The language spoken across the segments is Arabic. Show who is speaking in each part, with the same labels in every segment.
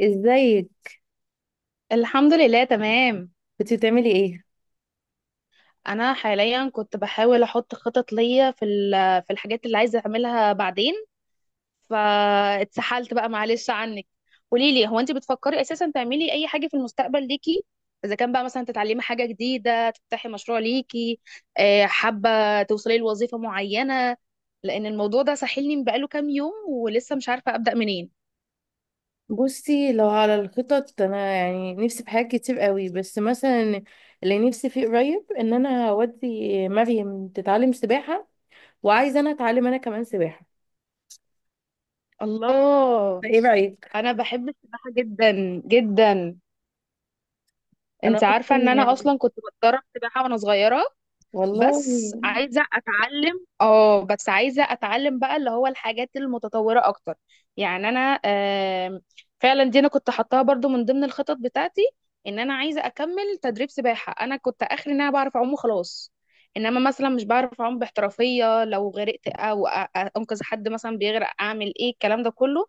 Speaker 1: ازيك؟
Speaker 2: الحمد لله تمام.
Speaker 1: كنت بتعملي ايه؟
Speaker 2: انا حاليا كنت بحاول احط خطط ليا في الحاجات اللي عايزه اعملها بعدين، فاتسحلت بقى معلش عنك. قولي لي، هو انت بتفكري اساسا تعملي اي حاجه في المستقبل ليكي؟ اذا كان بقى مثلا تتعلمي حاجه جديده، تفتحي مشروع ليكي، حابه توصلي لوظيفه معينه؟ لان الموضوع ده ساحلني بقاله كام يوم ولسه مش عارفه ابدا منين.
Speaker 1: بصي، لو على الخطط انا يعني نفسي في حاجات كتير قوي، بس مثلا اللي نفسي فيه قريب ان انا اودي مريم تتعلم سباحة. وعايزه انا اتعلم انا كمان سباحة.
Speaker 2: الله،
Speaker 1: فايه رأيك؟
Speaker 2: انا بحب السباحه جدا جدا.
Speaker 1: انا
Speaker 2: انت عارفة ان
Speaker 1: اصلا
Speaker 2: انا
Speaker 1: يعني.
Speaker 2: اصلا كنت بتدرب سباحة وانا صغيرة،
Speaker 1: والله.
Speaker 2: بس عايزة اتعلم اه، بس عايزة اتعلم بقى اللي هو الحاجات المتطورة اكتر. يعني انا فعلا دي انا كنت حطاها برضو من ضمن الخطط بتاعتي، ان انا عايزة اكمل تدريب سباحة. انا كنت اخري ان انا بعرف اعوم وخلاص، انما مثلا مش بعرف اعوم باحترافية، لو غرقت او انقذ حد مثلا بيغرق اعمل ايه، الكلام ده كله.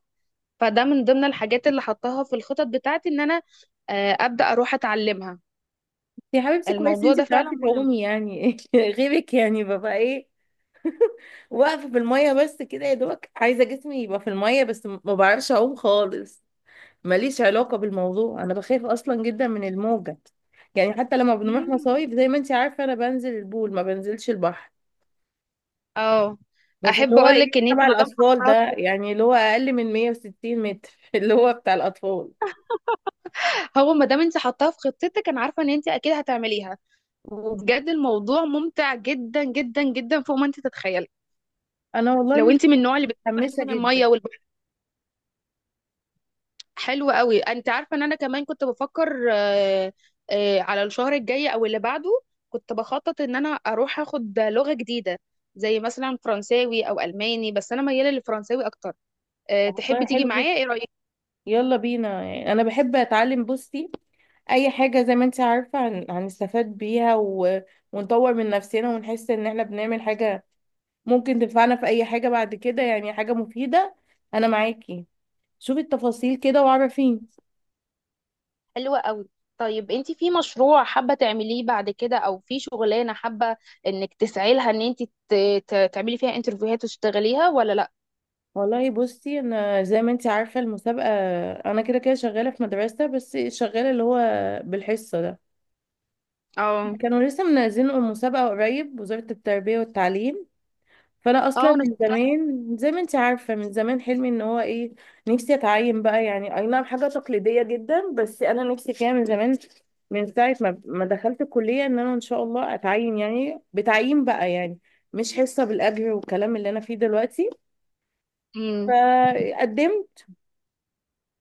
Speaker 2: فده من ضمن الحاجات اللي حطاها في الخطط بتاعتي، ان انا ابدا اروح اتعلمها.
Speaker 1: يا حبيبتي، كويس
Speaker 2: الموضوع
Speaker 1: انت
Speaker 2: ده فعلا
Speaker 1: بتعرفي
Speaker 2: مهم.
Speaker 1: تعومي يعني غيرك يعني ببقى ايه؟ واقفة في المية بس كده يا دوبك، عايزة جسمي يبقى في المية بس ما بعرفش اعوم خالص. ماليش علاقة بالموضوع، انا بخاف اصلا جدا من الموجة. يعني حتى لما بنروح
Speaker 2: مم.
Speaker 1: مصايف زي ما انت عارفة، انا بنزل البول ما بنزلش البحر.
Speaker 2: اه.
Speaker 1: وفي اللي
Speaker 2: احب
Speaker 1: هو
Speaker 2: اقول
Speaker 1: ايه
Speaker 2: لك ان انت
Speaker 1: تبع
Speaker 2: ما دام
Speaker 1: الاطفال ده، يعني اللي هو اقل من 160 متر اللي هو بتاع الاطفال.
Speaker 2: هو ما دام انت حطاها في خطتك، انا عارفه ان انت اكيد هتعمليها. وبجد الموضوع ممتع جدا جدا جدا فوق ما انت تتخيلي،
Speaker 1: انا
Speaker 2: لو
Speaker 1: والله
Speaker 2: انت من النوع اللي بتحب
Speaker 1: متحمسة
Speaker 2: اساسا الميه
Speaker 1: جدا.
Speaker 2: والبحر. حلو قوي. انت عارفه ان انا كمان كنت بفكر على الشهر الجاي او اللي بعده كنت بخطط ان انا اروح اخد لغه جديده، زي مثلا فرنساوي او الماني، بس انا مياله للفرنساوي اكتر.
Speaker 1: طب والله
Speaker 2: تحبي تيجي
Speaker 1: حلو جدا.
Speaker 2: معايا؟ ايه رايك؟
Speaker 1: يلا بينا، يعني انا بحب اتعلم. بصي، اي حاجة زي ما انت عارفة هنستفاد بيها ونطور من نفسنا ونحس ان احنا بنعمل حاجة ممكن تنفعنا في اي حاجة بعد كده، يعني حاجة مفيدة. انا معاكي. شوفي التفاصيل كده وعرفيني.
Speaker 2: حلوة قوي. طيب انت في مشروع حابة تعمليه بعد كده، او في شغلانة حابة انك تسعي لها، ان انت تعملي فيها انترفيوهات وتشتغليها، ولا لا؟
Speaker 1: والله، بصي، انا زي ما انت عارفه المسابقه، انا كده كده شغاله في مدرسه بس شغاله اللي هو بالحصه ده.
Speaker 2: اه.
Speaker 1: كانوا لسه منزلين المسابقه قريب، وزاره التربيه والتعليم. فانا اصلا
Speaker 2: اه انا
Speaker 1: من
Speaker 2: شفتها.
Speaker 1: زمان زي ما انت عارفه، من زمان حلمي ان هو ايه، نفسي اتعين بقى. يعني اي نعم، حاجه تقليديه جدا بس انا نفسي فيها من زمان، من ساعه ما دخلت الكليه ان انا ان شاء الله اتعين، يعني بتعيين بقى، يعني مش حصه بالاجر والكلام اللي انا فيه دلوقتي.
Speaker 2: امم.
Speaker 1: فقدمت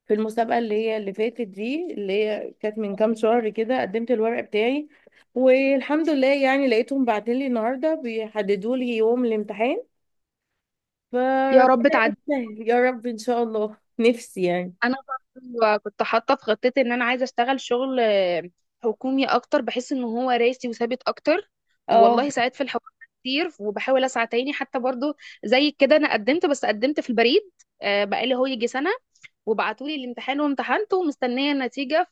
Speaker 1: في المسابقة اللي هي اللي فاتت دي، اللي هي كانت من كام شهر كده، قدمت الورق بتاعي. والحمد لله، يعني لقيتهم بعتلي النهاردة بيحددوا لي يوم الامتحان.
Speaker 2: يا رب
Speaker 1: فربنا
Speaker 2: تعدي.
Speaker 1: يسهل يا رب، إن شاء الله نفسي يعني.
Speaker 2: انا برضو كنت حاطه في خطتي ان انا عايزه اشتغل شغل حكومي اكتر، بحس ان هو راسي وثابت اكتر
Speaker 1: اه.
Speaker 2: والله ساعات في الحوار كتير. وبحاول اسعى تاني حتى برضو زي كده، انا قدمت، بس قدمت في البريد بقالي هو يجي سنه، وبعتولي الامتحان وامتحنته ومستنيه النتيجه.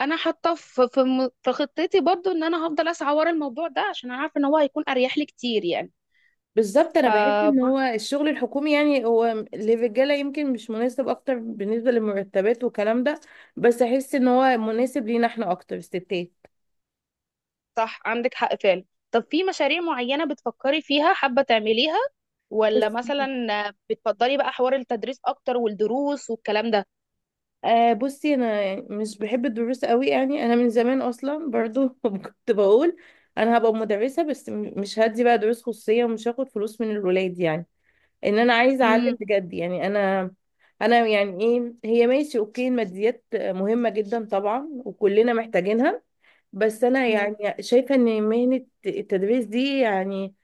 Speaker 2: انا حاطه في خطتي برضو ان انا هفضل اسعى ورا الموضوع ده، عشان انا عارفه ان هو هيكون اريح لي كتير يعني.
Speaker 1: بالظبط، انا بحس ان
Speaker 2: فبرضو.
Speaker 1: هو الشغل الحكومي، يعني هو للرجاله يمكن مش مناسب اكتر بالنسبه للمرتبات والكلام ده، بس احس ان هو مناسب لينا احنا اكتر الستات.
Speaker 2: صح، عندك حق فعلا. طب في مشاريع معينه بتفكري فيها حابه تعمليها، ولا
Speaker 1: بس
Speaker 2: مثلا بتفضلي بقى حوار التدريس اكتر والدروس والكلام ده؟
Speaker 1: بصي، انا يعني مش بحب الدروس قوي. يعني انا من زمان اصلا برضو كنت بقول انا هبقى مدرسه، بس مش هدي بقى دروس خصوصيه ومش هاخد فلوس من الولاد، يعني ان انا عايزه اعلم
Speaker 2: امم.
Speaker 1: بجد. يعني انا يعني ايه هي، ماشي اوكي، الماديات مهمه جدا طبعا وكلنا محتاجينها. بس انا يعني شايفه ان مهنه التدريس دي يعني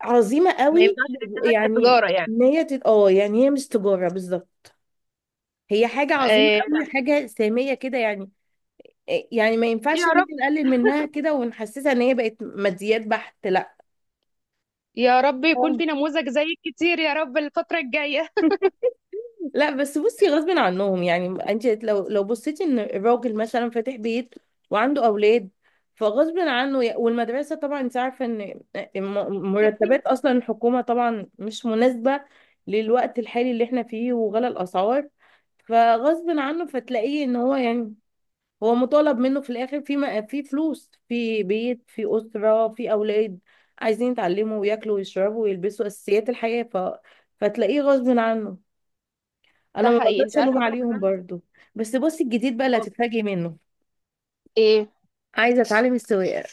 Speaker 1: عظيمه
Speaker 2: ما
Speaker 1: قوي.
Speaker 2: ينفعش تشتغل
Speaker 1: يعني
Speaker 2: كتجارة يعني؟
Speaker 1: ان هي يعني هي مش تجاره بالظبط، هي حاجه عظيمه
Speaker 2: آه لا.
Speaker 1: قوي، حاجه ساميه كده يعني ما ينفعش ان
Speaker 2: يا رب،
Speaker 1: احنا نقلل منها كده ونحسسها ان هي بقت ماديات بحت، لا.
Speaker 2: يا رب يكون
Speaker 1: آه.
Speaker 2: في نموذج زيك كتير يا رب الفتره الجايه.
Speaker 1: لا، بس بصي، غصب عنهم يعني. انت لو بصيتي ان الراجل مثلا فاتح بيت وعنده اولاد، فغصب عنه والمدرسه طبعا انت عارفه ان مرتبات اصلا الحكومه طبعا مش مناسبه للوقت الحالي اللي احنا فيه وغلا الاسعار. فغصب عنه، فتلاقيه ان هو يعني، هو مطالب منه في الاخر، في في فلوس، في بيت، في اسره، في اولاد عايزين يتعلموا وياكلوا ويشربوا ويلبسوا اساسيات الحياه. فتلاقيه غصب عنه. انا
Speaker 2: ده
Speaker 1: ما
Speaker 2: حقيقي. انت
Speaker 1: بقدرش
Speaker 2: عارفه
Speaker 1: الوم
Speaker 2: بقى
Speaker 1: عليهم
Speaker 2: كمان
Speaker 1: برضو. بس بصي، الجديد بقى اللي هتتفاجئي منه،
Speaker 2: آه.
Speaker 1: عايزه اتعلم السواقه.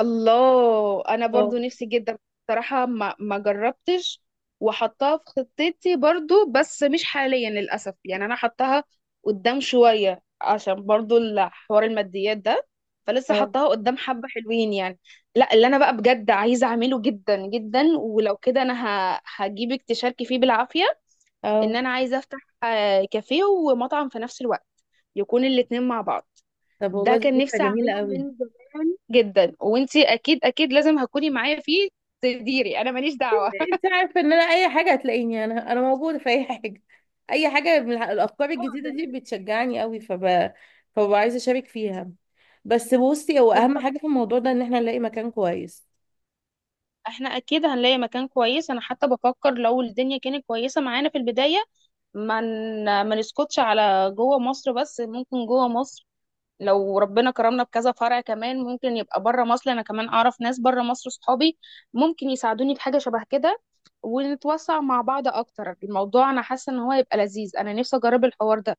Speaker 2: الله، انا
Speaker 1: اه.
Speaker 2: برضو نفسي جدا، بصراحة ما جربتش. وحطها في خطتي برضو، بس مش حاليا للأسف يعني، انا حطها قدام شوية عشان برضو الحوار الماديات ده، فلسه
Speaker 1: اه.
Speaker 2: حطها قدام حبة حلوين يعني. لا، اللي انا بقى بجد عايزة اعمله جدا جدا، ولو كده انا هجيبك تشاركي فيه بالعافية، ان
Speaker 1: اه.
Speaker 2: انا عايزه افتح كافيه ومطعم في نفس الوقت، يكون الاتنين مع بعض.
Speaker 1: طب
Speaker 2: ده
Speaker 1: والله، دي
Speaker 2: كان
Speaker 1: فكره
Speaker 2: نفسي
Speaker 1: جميله
Speaker 2: اعمله من
Speaker 1: قوي.
Speaker 2: زمان جدا، وانتي اكيد اكيد لازم هتكوني معايا فيه، تديري انا ماليش دعوه.
Speaker 1: انت عارفه ان انا اي حاجه هتلاقيني، انا موجوده في اي حاجه. اي حاجه من الافكار
Speaker 2: اه
Speaker 1: الجديده دي
Speaker 2: بلاش.
Speaker 1: بتشجعني قوي. فببقى عايزه اشارك فيها. بس بصي، هو اهم
Speaker 2: بالظبط،
Speaker 1: حاجه في الموضوع ده ان احنا نلاقي مكان كويس.
Speaker 2: احنا اكيد هنلاقي مكان كويس. انا حتى بفكر لو الدنيا كانت كويسه معانا في البدايه، ما نسكتش على جوه مصر، بس ممكن جوه مصر لو ربنا كرمنا بكذا فرع كمان، ممكن يبقى بره مصر. انا كمان اعرف ناس بره مصر صحابي، ممكن يساعدوني في حاجه شبه كده، ونتوسع مع بعض اكتر. الموضوع انا حاسه ان هو هيبقى لذيذ، انا نفسي اجرب الحوار ده.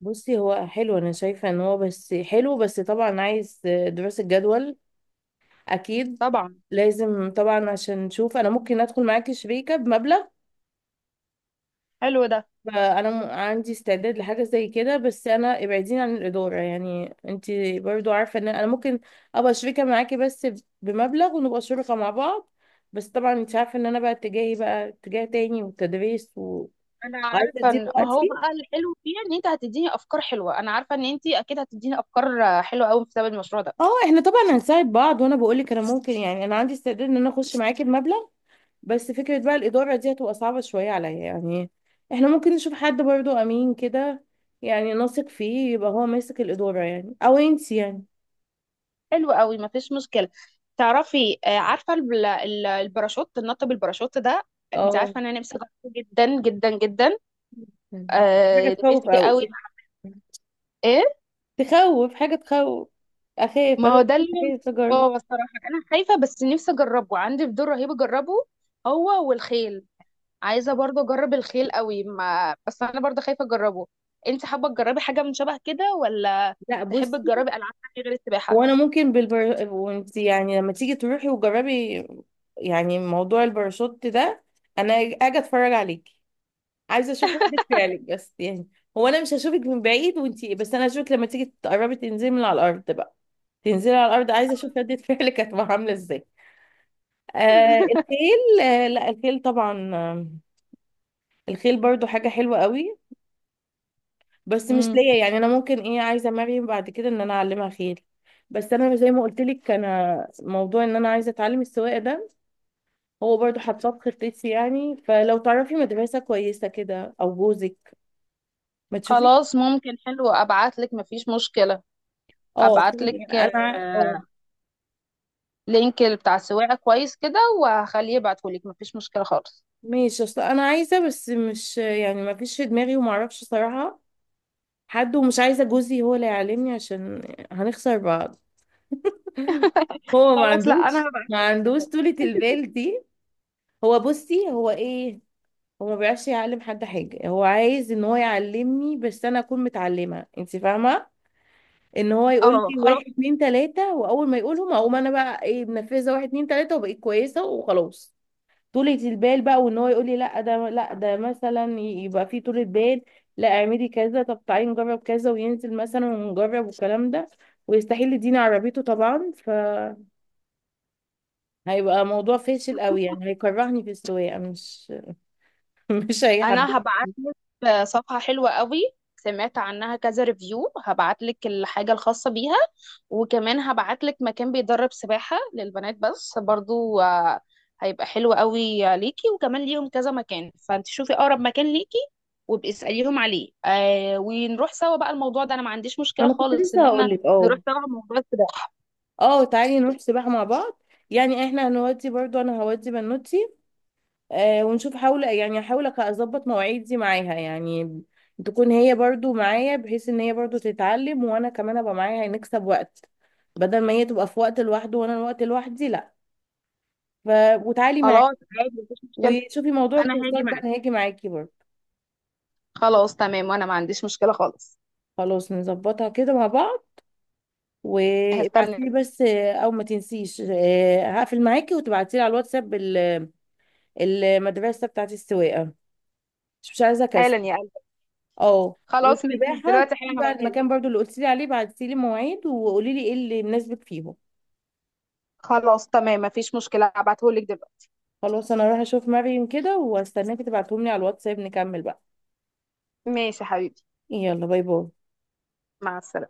Speaker 1: بصي، هو حلو، انا شايفه ان هو بس حلو، بس طبعا عايز دراسه جدول. اكيد،
Speaker 2: طبعا.
Speaker 1: لازم طبعا عشان نشوف انا ممكن ادخل معاكي شريكه بمبلغ.
Speaker 2: حلو ده.
Speaker 1: فانا عندي استعداد لحاجه زي كده، بس انا ابعديني عن الاداره، يعني انت برضو عارفه ان انا ممكن ابقى شريكه معاكي بس بمبلغ ونبقى شركاء مع بعض. بس طبعا انت عارفه ان انا بقى اتجاهي بقى اتجاه تاني والتدريس، وعايزه
Speaker 2: انا عارفه
Speaker 1: دي
Speaker 2: ان ما هو
Speaker 1: دلوقتي.
Speaker 2: بقى الحلو فيه ان انت هتديني افكار حلوه، انا عارفه ان انت اكيد هتديني افكار حلوه قوي بسبب المشروع ده.
Speaker 1: اه، احنا طبعا هنساعد بعض. وانا بقول لك انا ممكن، يعني انا عندي استعداد ان انا اخش معاكي بمبلغ، بس فكره بقى الاداره دي هتبقى صعبه شويه عليا يعني. احنا ممكن نشوف حد برضو امين كده، يعني نثق فيه يبقى هو ماسك الاداره، يعني او انت يعني.
Speaker 2: حلو قوي، ما فيش مشكله. تعرفي عارفه الباراشوت، النط بالباراشوت ده، انت
Speaker 1: اه،
Speaker 2: عارفه ان انا نفسي اجربه جدا جدا جدا. آه
Speaker 1: حاجة تخوف
Speaker 2: نفسي
Speaker 1: قوي.
Speaker 2: قوي. ايه؟
Speaker 1: تخوف، حاجة تخوف. أخاف
Speaker 2: ما
Speaker 1: أنا،
Speaker 2: هو ده اللي،
Speaker 1: عايزة أجرب.
Speaker 2: اه الصراحه انا خايفه بس نفسي اجربه، عندي فضول رهيب اجربه. هو والخيل، عايزه برضه اجرب الخيل قوي، ما بس انا برضه خايفه اجربه. انت حابه تجربي حاجه من شبه كده، ولا
Speaker 1: لا،
Speaker 2: تحبي
Speaker 1: بصي،
Speaker 2: تجربي العاب تانية غير السباحه؟
Speaker 1: هو أنا ممكن بالبر، وأنت يعني لما تيجي تروحي وجربي يعني موضوع الباراشوت ده، أنا أجي أتفرج عليكي. عايزة أشوف ردة فعلك بس، يعني هو أنا مش هشوفك من بعيد وأنت، بس أنا هشوفك لما تيجي تقربي تنزلي من على الأرض بقى. تنزلي على الأرض، عايزة أشوف ردة فعلك هتبقى عاملة إزاي. آه الخيل، آه لا الخيل طبعا آه. الخيل برضو حاجة حلوة قوي، بس مش
Speaker 2: امم.
Speaker 1: ليا. يعني انا ممكن ايه، عايزه مريم بعد كده ان انا اعلمها خيل. بس انا زي ما قلت لك، انا موضوع ان انا عايزه اتعلم السواقه ده، هو برضو حاطاه في خطتي. يعني فلو تعرفي مدرسه كويسه كده، او جوزك ما تشوفي.
Speaker 2: خلاص ممكن، حلو، ابعت لك مفيش مشكله.
Speaker 1: اه
Speaker 2: ابعت لك
Speaker 1: يعني انا اه.
Speaker 2: لينك بتاع السواقه كويس كده، وهخليه يبعته لك مفيش مشكله خالص.
Speaker 1: ماشي. اصل انا عايزه بس مش يعني ما فيش في دماغي وما اعرفش صراحه حد، ومش عايزه جوزي هو اللي يعلمني عشان هنخسر بعض. هو ما
Speaker 2: خلاص، لا انا
Speaker 1: عندوش
Speaker 2: هبعت
Speaker 1: ما
Speaker 2: لك.
Speaker 1: عندوش طولة البال دي. هو بصي هو ايه، هو ما بيعرفش يعلم حد حاجة. هو عايز ان هو يعلمني بس انا اكون متعلمة. انت فاهمة، ان هو يقول
Speaker 2: اه
Speaker 1: لي واحد
Speaker 2: خلاص،
Speaker 1: اتنين تلاتة، واول ما يقولهم اقوم انا بقى ايه منفذة واحد اتنين تلاتة، وبقيت كويسة وخلاص طولة البال بقى. وان هو يقول لي لا ده لا ده مثلا، يبقى في طولة بال، لا اعملي كذا، طب تعالي نجرب كذا، وينزل مثلا ونجرب والكلام ده. ويستحيل يديني عربيته طبعا. فهيبقى موضوع فاشل قوي يعني، هيكرهني في السواقة مش مش
Speaker 2: انا
Speaker 1: هيحببني.
Speaker 2: هبعت لك صفحة حلوة قوي، سمعت عنها كذا ريفيو، هبعت لك الحاجة الخاصة بيها. وكمان هبعت لك مكان بيدرب سباحة للبنات بس برضو، هيبقى حلو قوي ليكي، وكمان ليهم كذا مكان، فانت شوفي اقرب مكان ليكي وابقي اسأليهم عليه. آه، ونروح سوا بقى. الموضوع ده انا ما عنديش
Speaker 1: ما
Speaker 2: مشكلة
Speaker 1: انا كنت
Speaker 2: خالص ان
Speaker 1: لسه هقول
Speaker 2: احنا
Speaker 1: لك. اه،
Speaker 2: نروح سوا موضوع السباحة.
Speaker 1: اه، تعالي نروح سباحة مع بعض. يعني احنا هنودي، برضو انا هودي بنوتي ونشوف. حاول، يعني احاول اظبط مواعيدي معاها، يعني تكون هي برضو معايا بحيث ان هي برضو تتعلم وانا كمان ابقى معايا، نكسب وقت بدل ما هي تبقى في وقت لوحده وانا الوقت لوحدي، لا. ف... وتعالي معايا.
Speaker 2: خلاص، عادي مفيش مشكلة.
Speaker 1: وشوفي موضوع
Speaker 2: انا هاجي
Speaker 1: الكورسات ده
Speaker 2: معاك،
Speaker 1: انا هاجي معاكي برضو.
Speaker 2: خلاص تمام، وانا ما عنديش مشكلة خالص.
Speaker 1: خلاص، نظبطها كده مع بعض.
Speaker 2: هستنى.
Speaker 1: وابعتيلي بس، او ما تنسيش، هقفل معاكي وتبعتيلي على الواتساب المدرسة بتاعت السواقة. مش عايزه
Speaker 2: حالا
Speaker 1: كسل.
Speaker 2: يا.
Speaker 1: اه،
Speaker 2: خلاص ماشي،
Speaker 1: والسباحه
Speaker 2: دلوقتي
Speaker 1: تشوفي
Speaker 2: حالا
Speaker 1: بقى
Speaker 2: هبعتهالك.
Speaker 1: المكان برضو اللي قلت لي عليه، بعتي لي مواعيد وقولي لي ايه اللي مناسبك فيهم.
Speaker 2: خلاص تمام مفيش مشكلة، هبعتهولك دلوقتي.
Speaker 1: خلاص، انا هروح اشوف مريم كده واستناكي تبعتهم لي على الواتساب، نكمل بقى.
Speaker 2: ماشي يا حبيبي.
Speaker 1: يلا، باي باي.
Speaker 2: مع السلامة.